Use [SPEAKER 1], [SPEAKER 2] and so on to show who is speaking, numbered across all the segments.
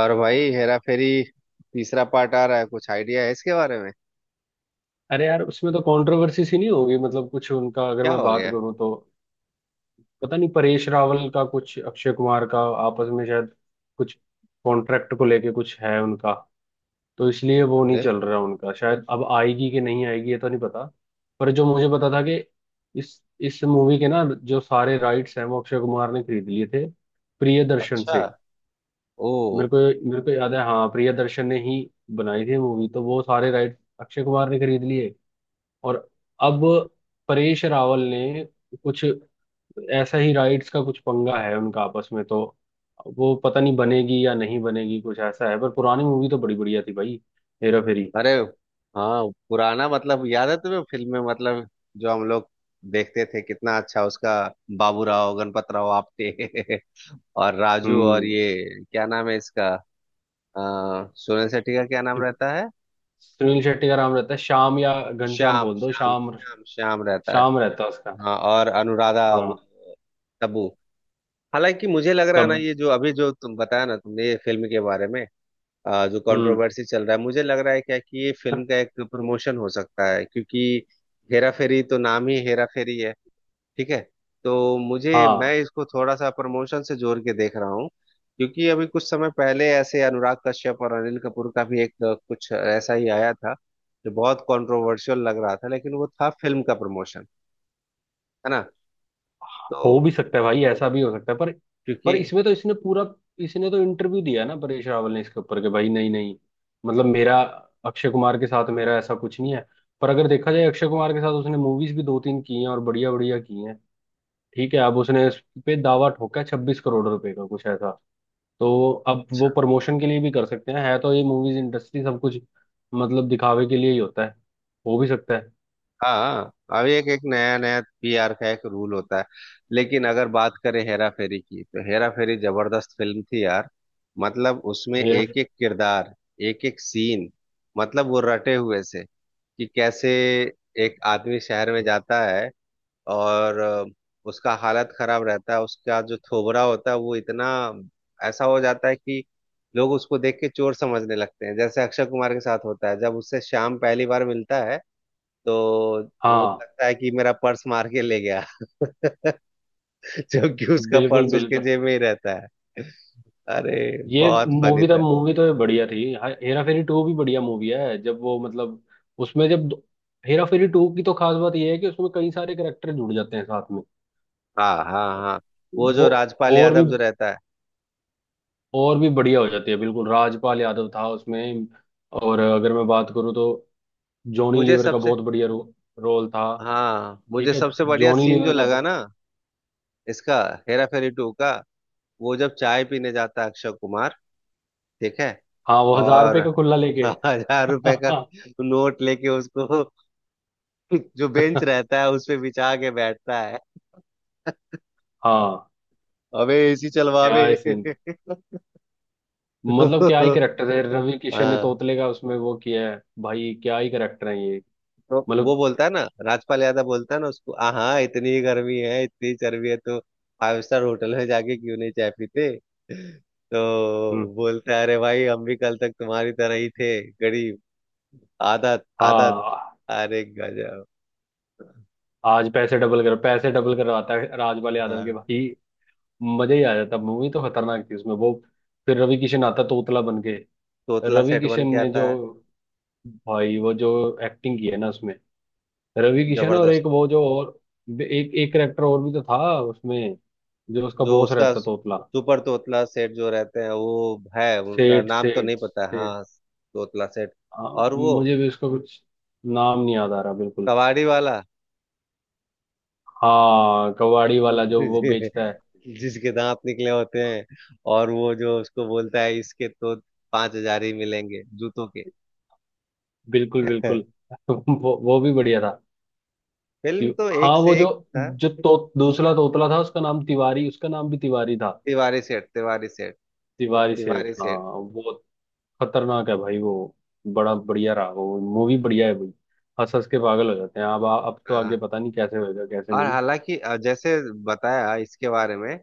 [SPEAKER 1] और भाई हेरा फेरी तीसरा पार्ट आ रहा है। कुछ आइडिया है इसके बारे में?
[SPEAKER 2] अरे यार, उसमें तो कंट्रोवर्सी सी नहीं होगी। मतलब कुछ उनका, अगर
[SPEAKER 1] क्या
[SPEAKER 2] मैं
[SPEAKER 1] हो
[SPEAKER 2] बात
[SPEAKER 1] गया?
[SPEAKER 2] करूं तो पता नहीं, परेश रावल का कुछ अक्षय कुमार का आपस में शायद कुछ कॉन्ट्रैक्ट को लेके कुछ है उनका। तो इसलिए वो नहीं
[SPEAKER 1] अरे!
[SPEAKER 2] चल रहा उनका। शायद अब आएगी कि नहीं आएगी ये तो नहीं पता। पर जो मुझे पता था कि इस इस मूवी के ना, जो सारे राइट्स हैं वो अक्षय कुमार ने खरीद लिए थे प्रियदर्शन
[SPEAKER 1] अच्छा।
[SPEAKER 2] से।
[SPEAKER 1] ओ।
[SPEAKER 2] मेरे को मेरे को याद है, हाँ, प्रियदर्शन ने ही बनाई थी मूवी, तो वो सारे राइट्स अक्षय कुमार ने खरीद लिए। और अब परेश रावल ने कुछ ऐसा ही राइट्स का कुछ पंगा है उनका आपस में। तो वो पता नहीं बनेगी या नहीं बनेगी, कुछ ऐसा है। पर पुरानी मूवी तो बड़ी बढ़िया थी भाई, हेरा फेरी।
[SPEAKER 1] अरे हाँ, पुराना, मतलब याद है तुम्हें फिल्म में? मतलब जो हम लोग देखते थे, कितना अच्छा उसका। बाबूराव गणपत राव आप्टे और राजू, और
[SPEAKER 2] हम्म।
[SPEAKER 1] ये क्या नाम है इसका? आ, सोनल सेठी का क्या नाम रहता है?
[SPEAKER 2] सुनील शेट्टी का नाम रहता है श्याम, या घनश्याम
[SPEAKER 1] श्याम,
[SPEAKER 2] बोल दो,
[SPEAKER 1] श्याम,
[SPEAKER 2] श्याम।
[SPEAKER 1] श्याम, श्याम रहता है।
[SPEAKER 2] श्याम रहता है उसका।
[SPEAKER 1] हाँ, और अनुराधा वो,
[SPEAKER 2] हाँ।
[SPEAKER 1] तब्बू। हालांकि मुझे लग रहा है ना,
[SPEAKER 2] तब।
[SPEAKER 1] ये जो अभी जो तुम बताया ना तुमने, ये फिल्म के बारे में, जो
[SPEAKER 2] हम्म।
[SPEAKER 1] कंट्रोवर्सी चल रहा है, मुझे लग रहा है क्या कि ये फिल्म का एक प्रमोशन हो सकता है, क्योंकि हेरा फेरी तो नाम ही हेरा फेरी है। ठीक है। तो मुझे, मैं
[SPEAKER 2] हाँ,
[SPEAKER 1] इसको थोड़ा सा प्रमोशन से जोड़ के देख रहा हूँ। क्योंकि अभी कुछ समय पहले ऐसे अनुराग कश्यप और अनिल कपूर का भी एक कुछ ऐसा ही आया था, जो बहुत कंट्रोवर्शियल लग रहा था, लेकिन वो था फिल्म का प्रमोशन। है ना?
[SPEAKER 2] हो
[SPEAKER 1] तो,
[SPEAKER 2] भी सकता है भाई, ऐसा भी हो सकता है। पर
[SPEAKER 1] क्योंकि,
[SPEAKER 2] पर इसमें तो इसने तो इंटरव्यू दिया ना परेश रावल ने इसके ऊपर कि भाई नहीं नहीं, मतलब मेरा अक्षय कुमार के साथ मेरा ऐसा कुछ नहीं है। पर अगर देखा जाए, अक्षय कुमार के साथ उसने मूवीज भी दो तीन की हैं, और बढ़िया बढ़िया की हैं। ठीक है। अब उसने इस पे दावा ठोका है 26 करोड़ रुपए का, कुछ ऐसा। तो अब वो प्रमोशन के लिए भी कर सकते हैं। है तो, ये मूवीज इंडस्ट्री, सब कुछ मतलब दिखावे के लिए ही होता है। हो भी सकता है।
[SPEAKER 1] हाँ, अब एक एक नया नया पीआर का एक रूल होता है। लेकिन अगर बात करें हेरा फेरी की, तो हेरा फेरी जबरदस्त फिल्म थी यार। मतलब उसमें
[SPEAKER 2] ये।
[SPEAKER 1] एक एक किरदार, एक एक सीन, मतलब वो रटे हुए से कि कैसे एक आदमी शहर में जाता है और उसका हालत खराब रहता है, उसका जो थोबरा होता है वो इतना ऐसा हो जाता है कि लोग उसको देख के चोर समझने लगते हैं, जैसे अक्षय कुमार के साथ होता है जब उससे श्याम पहली बार मिलता है, तो वो
[SPEAKER 2] हाँ।
[SPEAKER 1] लगता है कि मेरा पर्स मार के ले गया जबकि उसका
[SPEAKER 2] बिल्कुल
[SPEAKER 1] पर्स उसके
[SPEAKER 2] बिल्कुल।
[SPEAKER 1] जेब में ही रहता है। अरे,
[SPEAKER 2] ये
[SPEAKER 1] बहुत फनी
[SPEAKER 2] मूवी तो
[SPEAKER 1] था!
[SPEAKER 2] मूवी तो ये बढ़िया थी। हेरा फेरी टू भी बढ़िया मूवी है। जब वो मतलब, उसमें जब हेरा फेरी टू की तो खास बात ये है कि उसमें कई सारे करेक्टर जुड़ जाते हैं साथ में।
[SPEAKER 1] हाँ हाँ हाँ, वो
[SPEAKER 2] वो
[SPEAKER 1] जो राजपाल
[SPEAKER 2] और भी
[SPEAKER 1] यादव जो रहता है।
[SPEAKER 2] और भी बढ़िया हो जाती है। बिल्कुल, राजपाल यादव था उसमें। और अगर मैं बात करूँ तो जॉनी
[SPEAKER 1] मुझे
[SPEAKER 2] लीवर का
[SPEAKER 1] सबसे
[SPEAKER 2] बहुत बढ़िया रोल था।
[SPEAKER 1] हाँ,
[SPEAKER 2] ठीक
[SPEAKER 1] मुझे
[SPEAKER 2] है।
[SPEAKER 1] सबसे बढ़िया
[SPEAKER 2] जॉनी
[SPEAKER 1] सीन जो
[SPEAKER 2] लीवर का
[SPEAKER 1] लगा
[SPEAKER 2] तो।
[SPEAKER 1] ना, इसका, हेरा फेरी टू का, वो जब चाय पीने जाता है अक्षय कुमार, ठीक है,
[SPEAKER 2] हाँ, वो हजार
[SPEAKER 1] और
[SPEAKER 2] रुपये का खुल्ला लेके
[SPEAKER 1] 1000 रुपए का नोट लेके उसको जो बेंच रहता है उस पे बिछा के बैठता है।
[SPEAKER 2] हाँ।
[SPEAKER 1] अबे एसी चलवावे
[SPEAKER 2] क्या है। मतलब क्या ही करेक्टर है, रवि किशन ने
[SPEAKER 1] हाँ,
[SPEAKER 2] तोतले का उसमें वो किया है। भाई क्या ही करेक्टर है ये।
[SPEAKER 1] तो वो
[SPEAKER 2] मतलब।
[SPEAKER 1] बोलता है ना, राजपाल यादव बोलता है ना उसको, हाँ, इतनी गर्मी है, इतनी चर्बी है तो फाइव स्टार होटल में जाके क्यों नहीं चाय पीते?"
[SPEAKER 2] हम्म।
[SPEAKER 1] तो बोलता है, "अरे भाई, हम भी कल तक तुम्हारी तरह ही थे, गरीब।" आदत, आदत।
[SPEAKER 2] हाँ,
[SPEAKER 1] अरे गजब!
[SPEAKER 2] आज पैसे डबल करवाता है राजपाल यादव के
[SPEAKER 1] हाँ,
[SPEAKER 2] भाई। मजा ही आ जाता। मूवी तो खतरनाक थी। उसमें वो फिर रवि किशन आता तोतला बन के।
[SPEAKER 1] तोतला
[SPEAKER 2] रवि
[SPEAKER 1] सेठ बन
[SPEAKER 2] किशन
[SPEAKER 1] के
[SPEAKER 2] ने जो,
[SPEAKER 1] आता है।
[SPEAKER 2] भाई वो जो एक्टिंग की है ना उसमें। रवि किशन और
[SPEAKER 1] जबरदस्त!
[SPEAKER 2] एक वो जो और एक एक करेक्टर और भी तो था उसमें, जो उसका
[SPEAKER 1] जो
[SPEAKER 2] बॉस
[SPEAKER 1] उसका
[SPEAKER 2] रहता, तोतला।
[SPEAKER 1] सुपर तोतला सेठ जो रहते हैं वो है, उनका
[SPEAKER 2] सेठ
[SPEAKER 1] नाम तो नहीं
[SPEAKER 2] सेठ
[SPEAKER 1] पता है।
[SPEAKER 2] सेठ।
[SPEAKER 1] हाँ, तोतला सेठ। और वो
[SPEAKER 2] मुझे भी उसका कुछ नाम नहीं याद आ रहा बिल्कुल।
[SPEAKER 1] कबाड़ी वाला
[SPEAKER 2] हाँ, कबाड़ी वाला जो वो बेचता है।
[SPEAKER 1] जिसके दांत निकले होते हैं, और वो जो उसको बोलता है, इसके तो 5000 ही मिलेंगे जूतों के।
[SPEAKER 2] बिल्कुल बिल्कुल। वो भी बढ़िया था।
[SPEAKER 1] फिल्म तो एक
[SPEAKER 2] हाँ, वो
[SPEAKER 1] से
[SPEAKER 2] जो,
[SPEAKER 1] एक था।
[SPEAKER 2] जो तो दूसरा तोतला था उसका नाम तिवारी, उसका नाम भी तिवारी था।
[SPEAKER 1] तिवारी सेठ, तिवारी सेठ,
[SPEAKER 2] तिवारी सेठ,
[SPEAKER 1] तिवारी
[SPEAKER 2] हाँ।
[SPEAKER 1] सेठ।
[SPEAKER 2] वो खतरनाक है भाई। वो बड़ा बढ़िया रहा। वो मूवी बढ़िया है भाई। हंस हंस के पागल हो जाते हैं। अब तो
[SPEAKER 1] हाँ।
[SPEAKER 2] आगे पता नहीं कैसे होएगा कैसे
[SPEAKER 1] और
[SPEAKER 2] नहीं।
[SPEAKER 1] हालांकि, जैसे बताया इसके बारे में,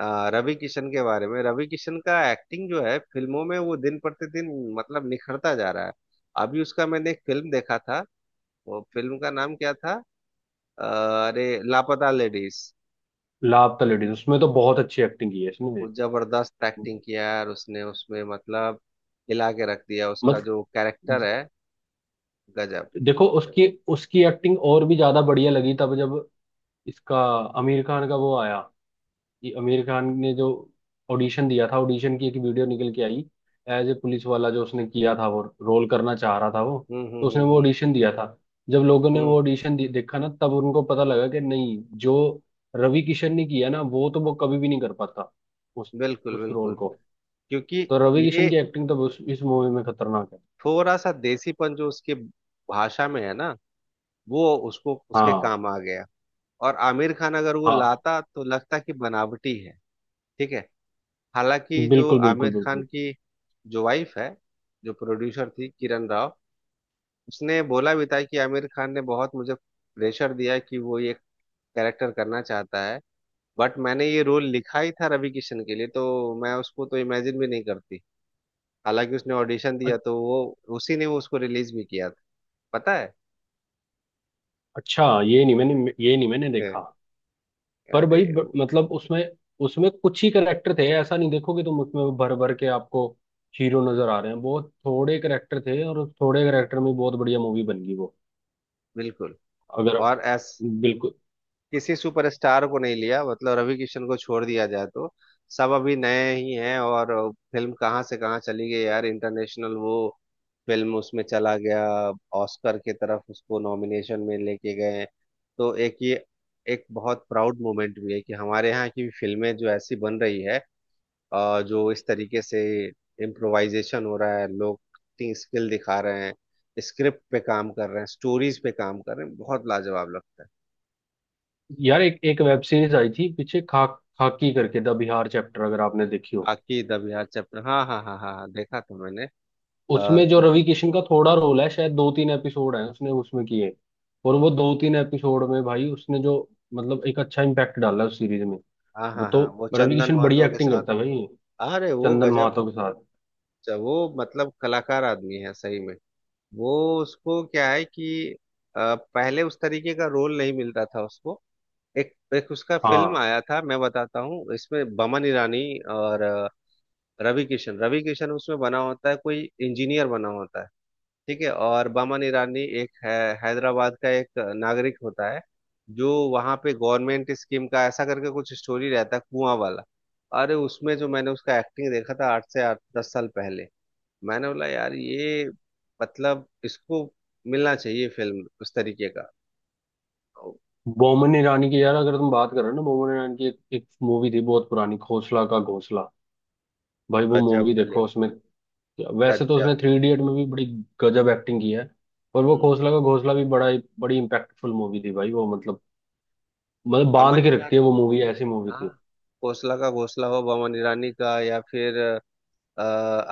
[SPEAKER 1] रवि किशन के बारे में, रवि किशन का एक्टिंग जो है फिल्मों में, वो दिन प्रतिदिन, मतलब निखरता जा रहा है। अभी उसका मैंने एक फिल्म देखा था, वो फिल्म का नाम क्या था? अ, अरे, लापता लेडीज।
[SPEAKER 2] लापता लेडीज उसमें तो बहुत अच्छी एक्टिंग की है इसने।
[SPEAKER 1] वो जबरदस्त एक्टिंग किया यार उसने उसमें, मतलब हिला के रख दिया, उसका
[SPEAKER 2] मत
[SPEAKER 1] जो कैरेक्टर है, गजब।
[SPEAKER 2] देखो, उसकी उसकी एक्टिंग और भी ज्यादा बढ़िया लगी तब जब इसका आमिर खान का वो आया, कि आमिर खान ने जो ऑडिशन दिया था, ऑडिशन की एक वीडियो निकल के आई, एज ए पुलिस वाला जो उसने किया था वो रोल करना चाह रहा था वो। तो उसने वो
[SPEAKER 1] हम्म।
[SPEAKER 2] ऑडिशन दिया था। जब लोगों ने
[SPEAKER 1] हम्म।
[SPEAKER 2] वो ऑडिशन देखा ना, तब उनको पता लगा कि नहीं, जो रवि किशन ने किया ना, वो तो वो कभी भी नहीं कर पाता उस
[SPEAKER 1] बिल्कुल
[SPEAKER 2] उस रोल
[SPEAKER 1] बिल्कुल।
[SPEAKER 2] को।
[SPEAKER 1] क्योंकि
[SPEAKER 2] तो रवि
[SPEAKER 1] ये
[SPEAKER 2] किशन की एक्टिंग तो इस मूवी में खतरनाक है।
[SPEAKER 1] थोड़ा सा देसीपन जो उसके भाषा में है ना, वो उसको, उसके
[SPEAKER 2] हाँ।
[SPEAKER 1] काम आ गया। और आमिर खान अगर वो
[SPEAKER 2] हाँ।
[SPEAKER 1] लाता तो लगता कि बनावटी है। ठीक है। हालांकि जो
[SPEAKER 2] बिल्कुल बिल्कुल
[SPEAKER 1] आमिर खान
[SPEAKER 2] बिल्कुल।
[SPEAKER 1] की, जो वाइफ है, जो प्रोड्यूसर थी, किरण राव, उसने बोला भी था कि आमिर खान ने बहुत मुझे प्रेशर दिया कि वो ये कैरेक्टर करना चाहता है, बट मैंने ये रोल लिखा ही था रवि किशन के लिए, तो मैं उसको तो इमेजिन भी नहीं करती। हालांकि उसने ऑडिशन दिया तो वो, उसी ने वो उसको रिलीज भी किया था, पता है?
[SPEAKER 2] अच्छा, ये नहीं मैंने देखा। पर
[SPEAKER 1] अरे!
[SPEAKER 2] भाई मतलब उसमें उसमें कुछ ही करेक्टर थे। ऐसा नहीं देखोगे तुम उसमें भर भर के आपको हीरो नजर आ रहे हैं। बहुत थोड़े करेक्टर थे, और उस थोड़े करेक्टर में बहुत बढ़िया मूवी बन गई वो।
[SPEAKER 1] बिल्कुल।
[SPEAKER 2] अगर
[SPEAKER 1] और ऐस
[SPEAKER 2] बिल्कुल।
[SPEAKER 1] किसी सुपरस्टार को नहीं लिया, मतलब रवि किशन को छोड़ दिया जाए तो सब अभी नए ही हैं। और फिल्म कहाँ से कहाँ चली गई यार, इंटरनेशनल, वो फिल्म उसमें चला गया, ऑस्कर की तरफ उसको नॉमिनेशन में लेके गए। तो एक ये, एक बहुत प्राउड मोमेंट भी है कि हमारे यहाँ की फिल्में जो ऐसी बन रही है, जो इस तरीके से इम्प्रोवाइजेशन हो रहा है, लोग स्किल दिखा रहे हैं, स्क्रिप्ट पे काम कर रहे हैं, स्टोरीज पे काम कर रहे हैं, बहुत लाजवाब लगता है।
[SPEAKER 2] यार, एक एक वेब सीरीज आई थी पीछे खा खाकी करके, द बिहार चैप्टर, अगर आपने देखी हो।
[SPEAKER 1] आखिर अभियान चैप्टर, हाँ हाँ हाँ हाँ हाँ, देखा था मैंने।
[SPEAKER 2] उसमें जो रवि
[SPEAKER 1] तो-
[SPEAKER 2] किशन का थोड़ा रोल है, शायद दो तीन एपिसोड है उसने उसमें किए। और वो दो तीन एपिसोड में भाई उसने जो मतलब एक अच्छा इम्पैक्ट डाला उस सीरीज में।
[SPEAKER 1] हाँ
[SPEAKER 2] वो
[SPEAKER 1] हाँ
[SPEAKER 2] तो
[SPEAKER 1] हाँ, वो
[SPEAKER 2] रवि
[SPEAKER 1] चंदन
[SPEAKER 2] किशन बढ़िया
[SPEAKER 1] महतो के
[SPEAKER 2] एक्टिंग
[SPEAKER 1] साथ।
[SPEAKER 2] करता है भाई,
[SPEAKER 1] अरे वो
[SPEAKER 2] चंदन
[SPEAKER 1] गजब!
[SPEAKER 2] महातो के साथ।
[SPEAKER 1] वो, मतलब कलाकार आदमी है सही में। वो, उसको क्या है कि पहले उस तरीके का रोल नहीं मिल रहा था उसको। एक एक उसका फिल्म
[SPEAKER 2] हाँ।
[SPEAKER 1] आया था, मैं बताता हूँ, इसमें बमन ईरानी और रवि किशन, उसमें बना होता है, कोई इंजीनियर बना होता है, ठीक है, और बामन ईरानी एक है, हैदराबाद का एक नागरिक होता है, जो वहाँ पे गवर्नमेंट स्कीम का ऐसा करके कुछ स्टोरी रहता है, कुआं वाला। अरे, उसमें जो मैंने उसका एक्टिंग देखा था 8 से 8, 10 साल पहले, मैंने बोला यार, ये, मतलब इसको मिलना चाहिए फिल्म उस तरीके का। ओ!
[SPEAKER 2] बोमन ईरानी की, यार अगर तुम बात कर रहे हो ना, बोमन ईरानी की एक मूवी थी बहुत पुरानी, खोसला का घोंसला। भाई वो
[SPEAKER 1] गजब
[SPEAKER 2] मूवी देखो।
[SPEAKER 1] फिल्म,
[SPEAKER 2] उसमें वैसे तो उसने
[SPEAKER 1] गजब।
[SPEAKER 2] थ्री इडियट में भी बड़ी गजब एक्टिंग की है, पर वो
[SPEAKER 1] हम्म।
[SPEAKER 2] खोसला का घोंसला भी बड़ा बड़ी इम्पैक्टफुल मूवी थी भाई। वो मतलब, मतलब बांध
[SPEAKER 1] बमन
[SPEAKER 2] के
[SPEAKER 1] ईरानी,
[SPEAKER 2] रखती है, वो मूवी ऐसी मूवी
[SPEAKER 1] हाँ,
[SPEAKER 2] थी।
[SPEAKER 1] घोसला का घोसला हो बमन ईरानी का, या फिर, अ,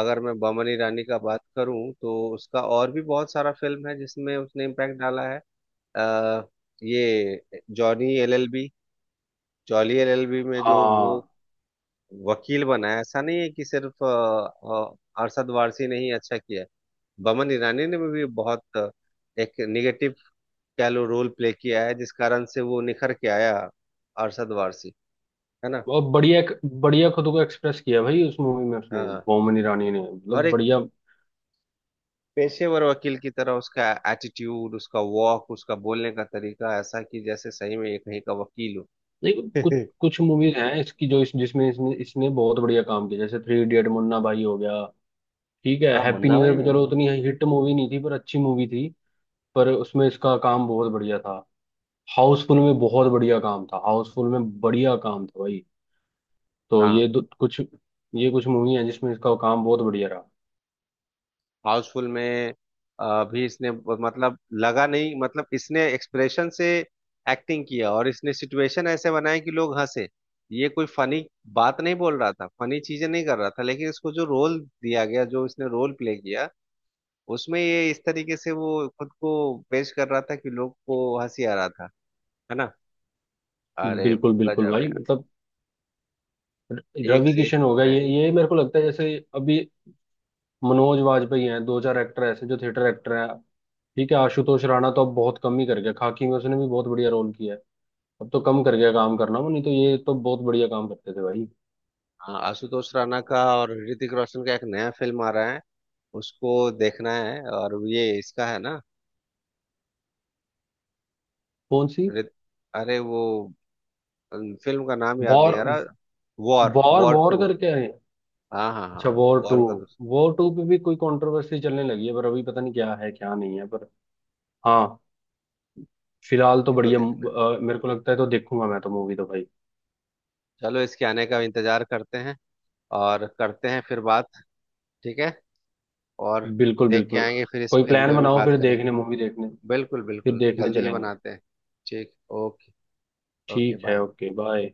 [SPEAKER 1] अगर मैं बमन ईरानी का बात करूं, तो उसका और भी बहुत सारा फिल्म है जिसमें उसने इम्पैक्ट डाला है। अ, ये जॉनी एलएलबी, जॉली एलएलबी में जो वो
[SPEAKER 2] हाँ,
[SPEAKER 1] वकील बना है, ऐसा नहीं है कि सिर्फ अरशद वारसी ने ही अच्छा किया है। बमन ईरानी ने भी बहुत एक निगेटिव, कह लो, रोल प्ले किया है, जिस कारण से वो निखर के आया, अरशद वारसी। है ना?
[SPEAKER 2] और बढ़िया, बढ़िया खुद को एक्सप्रेस किया भाई, उस मूवी में उसने।
[SPEAKER 1] हाँ।
[SPEAKER 2] बोमन ईरानी ने
[SPEAKER 1] और
[SPEAKER 2] मतलब
[SPEAKER 1] एक
[SPEAKER 2] बढ़िया।
[SPEAKER 1] पेशेवर वकील की तरह, उसका एटीट्यूड, उसका वॉक, उसका बोलने का तरीका ऐसा कि जैसे सही में ये कहीं का वकील हो।
[SPEAKER 2] नहीं, कुछ कुछ मूवीज हैं इसकी, जो इस जिसमें इसने इसने बहुत बढ़िया काम किया। जैसे थ्री इडियट, मुन्ना भाई हो गया, ठीक है,
[SPEAKER 1] हाँ,
[SPEAKER 2] हैप्पी
[SPEAKER 1] मुन्ना
[SPEAKER 2] न्यू ईयर
[SPEAKER 1] भाई
[SPEAKER 2] पे
[SPEAKER 1] में
[SPEAKER 2] चलो
[SPEAKER 1] भी।
[SPEAKER 2] उतनी हिट मूवी नहीं थी पर अच्छी मूवी थी, पर उसमें इसका काम बहुत बढ़िया था। हाउसफुल में बहुत बढ़िया काम था, हाउसफुल में बढ़िया काम था भाई। तो
[SPEAKER 1] हाँ,
[SPEAKER 2] ये कुछ मूवी है जिसमें इसका काम बहुत बढ़िया रहा।
[SPEAKER 1] हाउसफुल में भी इसने, मतलब लगा नहीं, मतलब इसने एक्सप्रेशन से एक्टिंग किया, और इसने सिचुएशन ऐसे बनाए कि लोग हंसे। ये कोई फनी बात नहीं बोल रहा था, फनी चीजें नहीं कर रहा था, लेकिन इसको जो रोल दिया गया, जो इसने रोल प्ले किया, उसमें ये इस तरीके से वो खुद को पेश कर रहा था कि लोग को हंसी आ रहा था। है ना? अरे
[SPEAKER 2] बिल्कुल बिल्कुल
[SPEAKER 1] गजब!
[SPEAKER 2] भाई। मतलब
[SPEAKER 1] है, एक
[SPEAKER 2] रवि
[SPEAKER 1] से एक
[SPEAKER 2] किशन हो गया,
[SPEAKER 1] फिल्म है।
[SPEAKER 2] ये मेरे को लगता है जैसे अभी मनोज वाजपेयी हैं, दो चार एक्टर ऐसे जो थिएटर एक्टर हैं। ठीक है। आशुतोष राणा तो अब बहुत कम ही कर गया। खाकी में उसने भी बहुत बढ़िया रोल किया है। अब तो कम कर गया काम करना, वो नहीं तो ये तो बहुत बढ़िया काम करते थे भाई।
[SPEAKER 1] हाँ, आशुतोष राणा का और ऋतिक रोशन का एक नया फिल्म आ रहा है, उसको देखना है। और ये इसका है ना,
[SPEAKER 2] कौन सी?
[SPEAKER 1] ऋत- अरे, वो फिल्म का नाम याद नहीं
[SPEAKER 2] वॉर?
[SPEAKER 1] आ रहा। War,
[SPEAKER 2] war
[SPEAKER 1] war
[SPEAKER 2] war
[SPEAKER 1] two.
[SPEAKER 2] करके आए।
[SPEAKER 1] हाँ हाँ हाँ,
[SPEAKER 2] अच्छा, वॉर टू।
[SPEAKER 1] वॉर का दूसरा।
[SPEAKER 2] वॉर टू पे भी कोई कंट्रोवर्सी चलने लगी है, पर अभी पता नहीं क्या है क्या नहीं है। पर हाँ, फिलहाल तो
[SPEAKER 1] ये तो
[SPEAKER 2] बढ़िया
[SPEAKER 1] देखना,
[SPEAKER 2] मेरे को लगता है, तो देखूंगा मैं तो मूवी तो भाई।
[SPEAKER 1] चलो इसके आने का इंतजार करते हैं, और करते हैं फिर बात। ठीक है। और
[SPEAKER 2] बिल्कुल
[SPEAKER 1] देख के
[SPEAKER 2] बिल्कुल।
[SPEAKER 1] आएंगे, फिर इस
[SPEAKER 2] कोई
[SPEAKER 1] फिल्म
[SPEAKER 2] प्लान
[SPEAKER 1] पे भी
[SPEAKER 2] बनाओ
[SPEAKER 1] बात
[SPEAKER 2] फिर
[SPEAKER 1] करें।
[SPEAKER 2] देखने, मूवी देखने।
[SPEAKER 1] बिल्कुल
[SPEAKER 2] फिर
[SPEAKER 1] बिल्कुल,
[SPEAKER 2] देखने
[SPEAKER 1] जल्दी ही
[SPEAKER 2] चलेंगे।
[SPEAKER 1] बनाते हैं। ठीक। ओके। ओके
[SPEAKER 2] ठीक है।
[SPEAKER 1] बाय।
[SPEAKER 2] Okay, bye.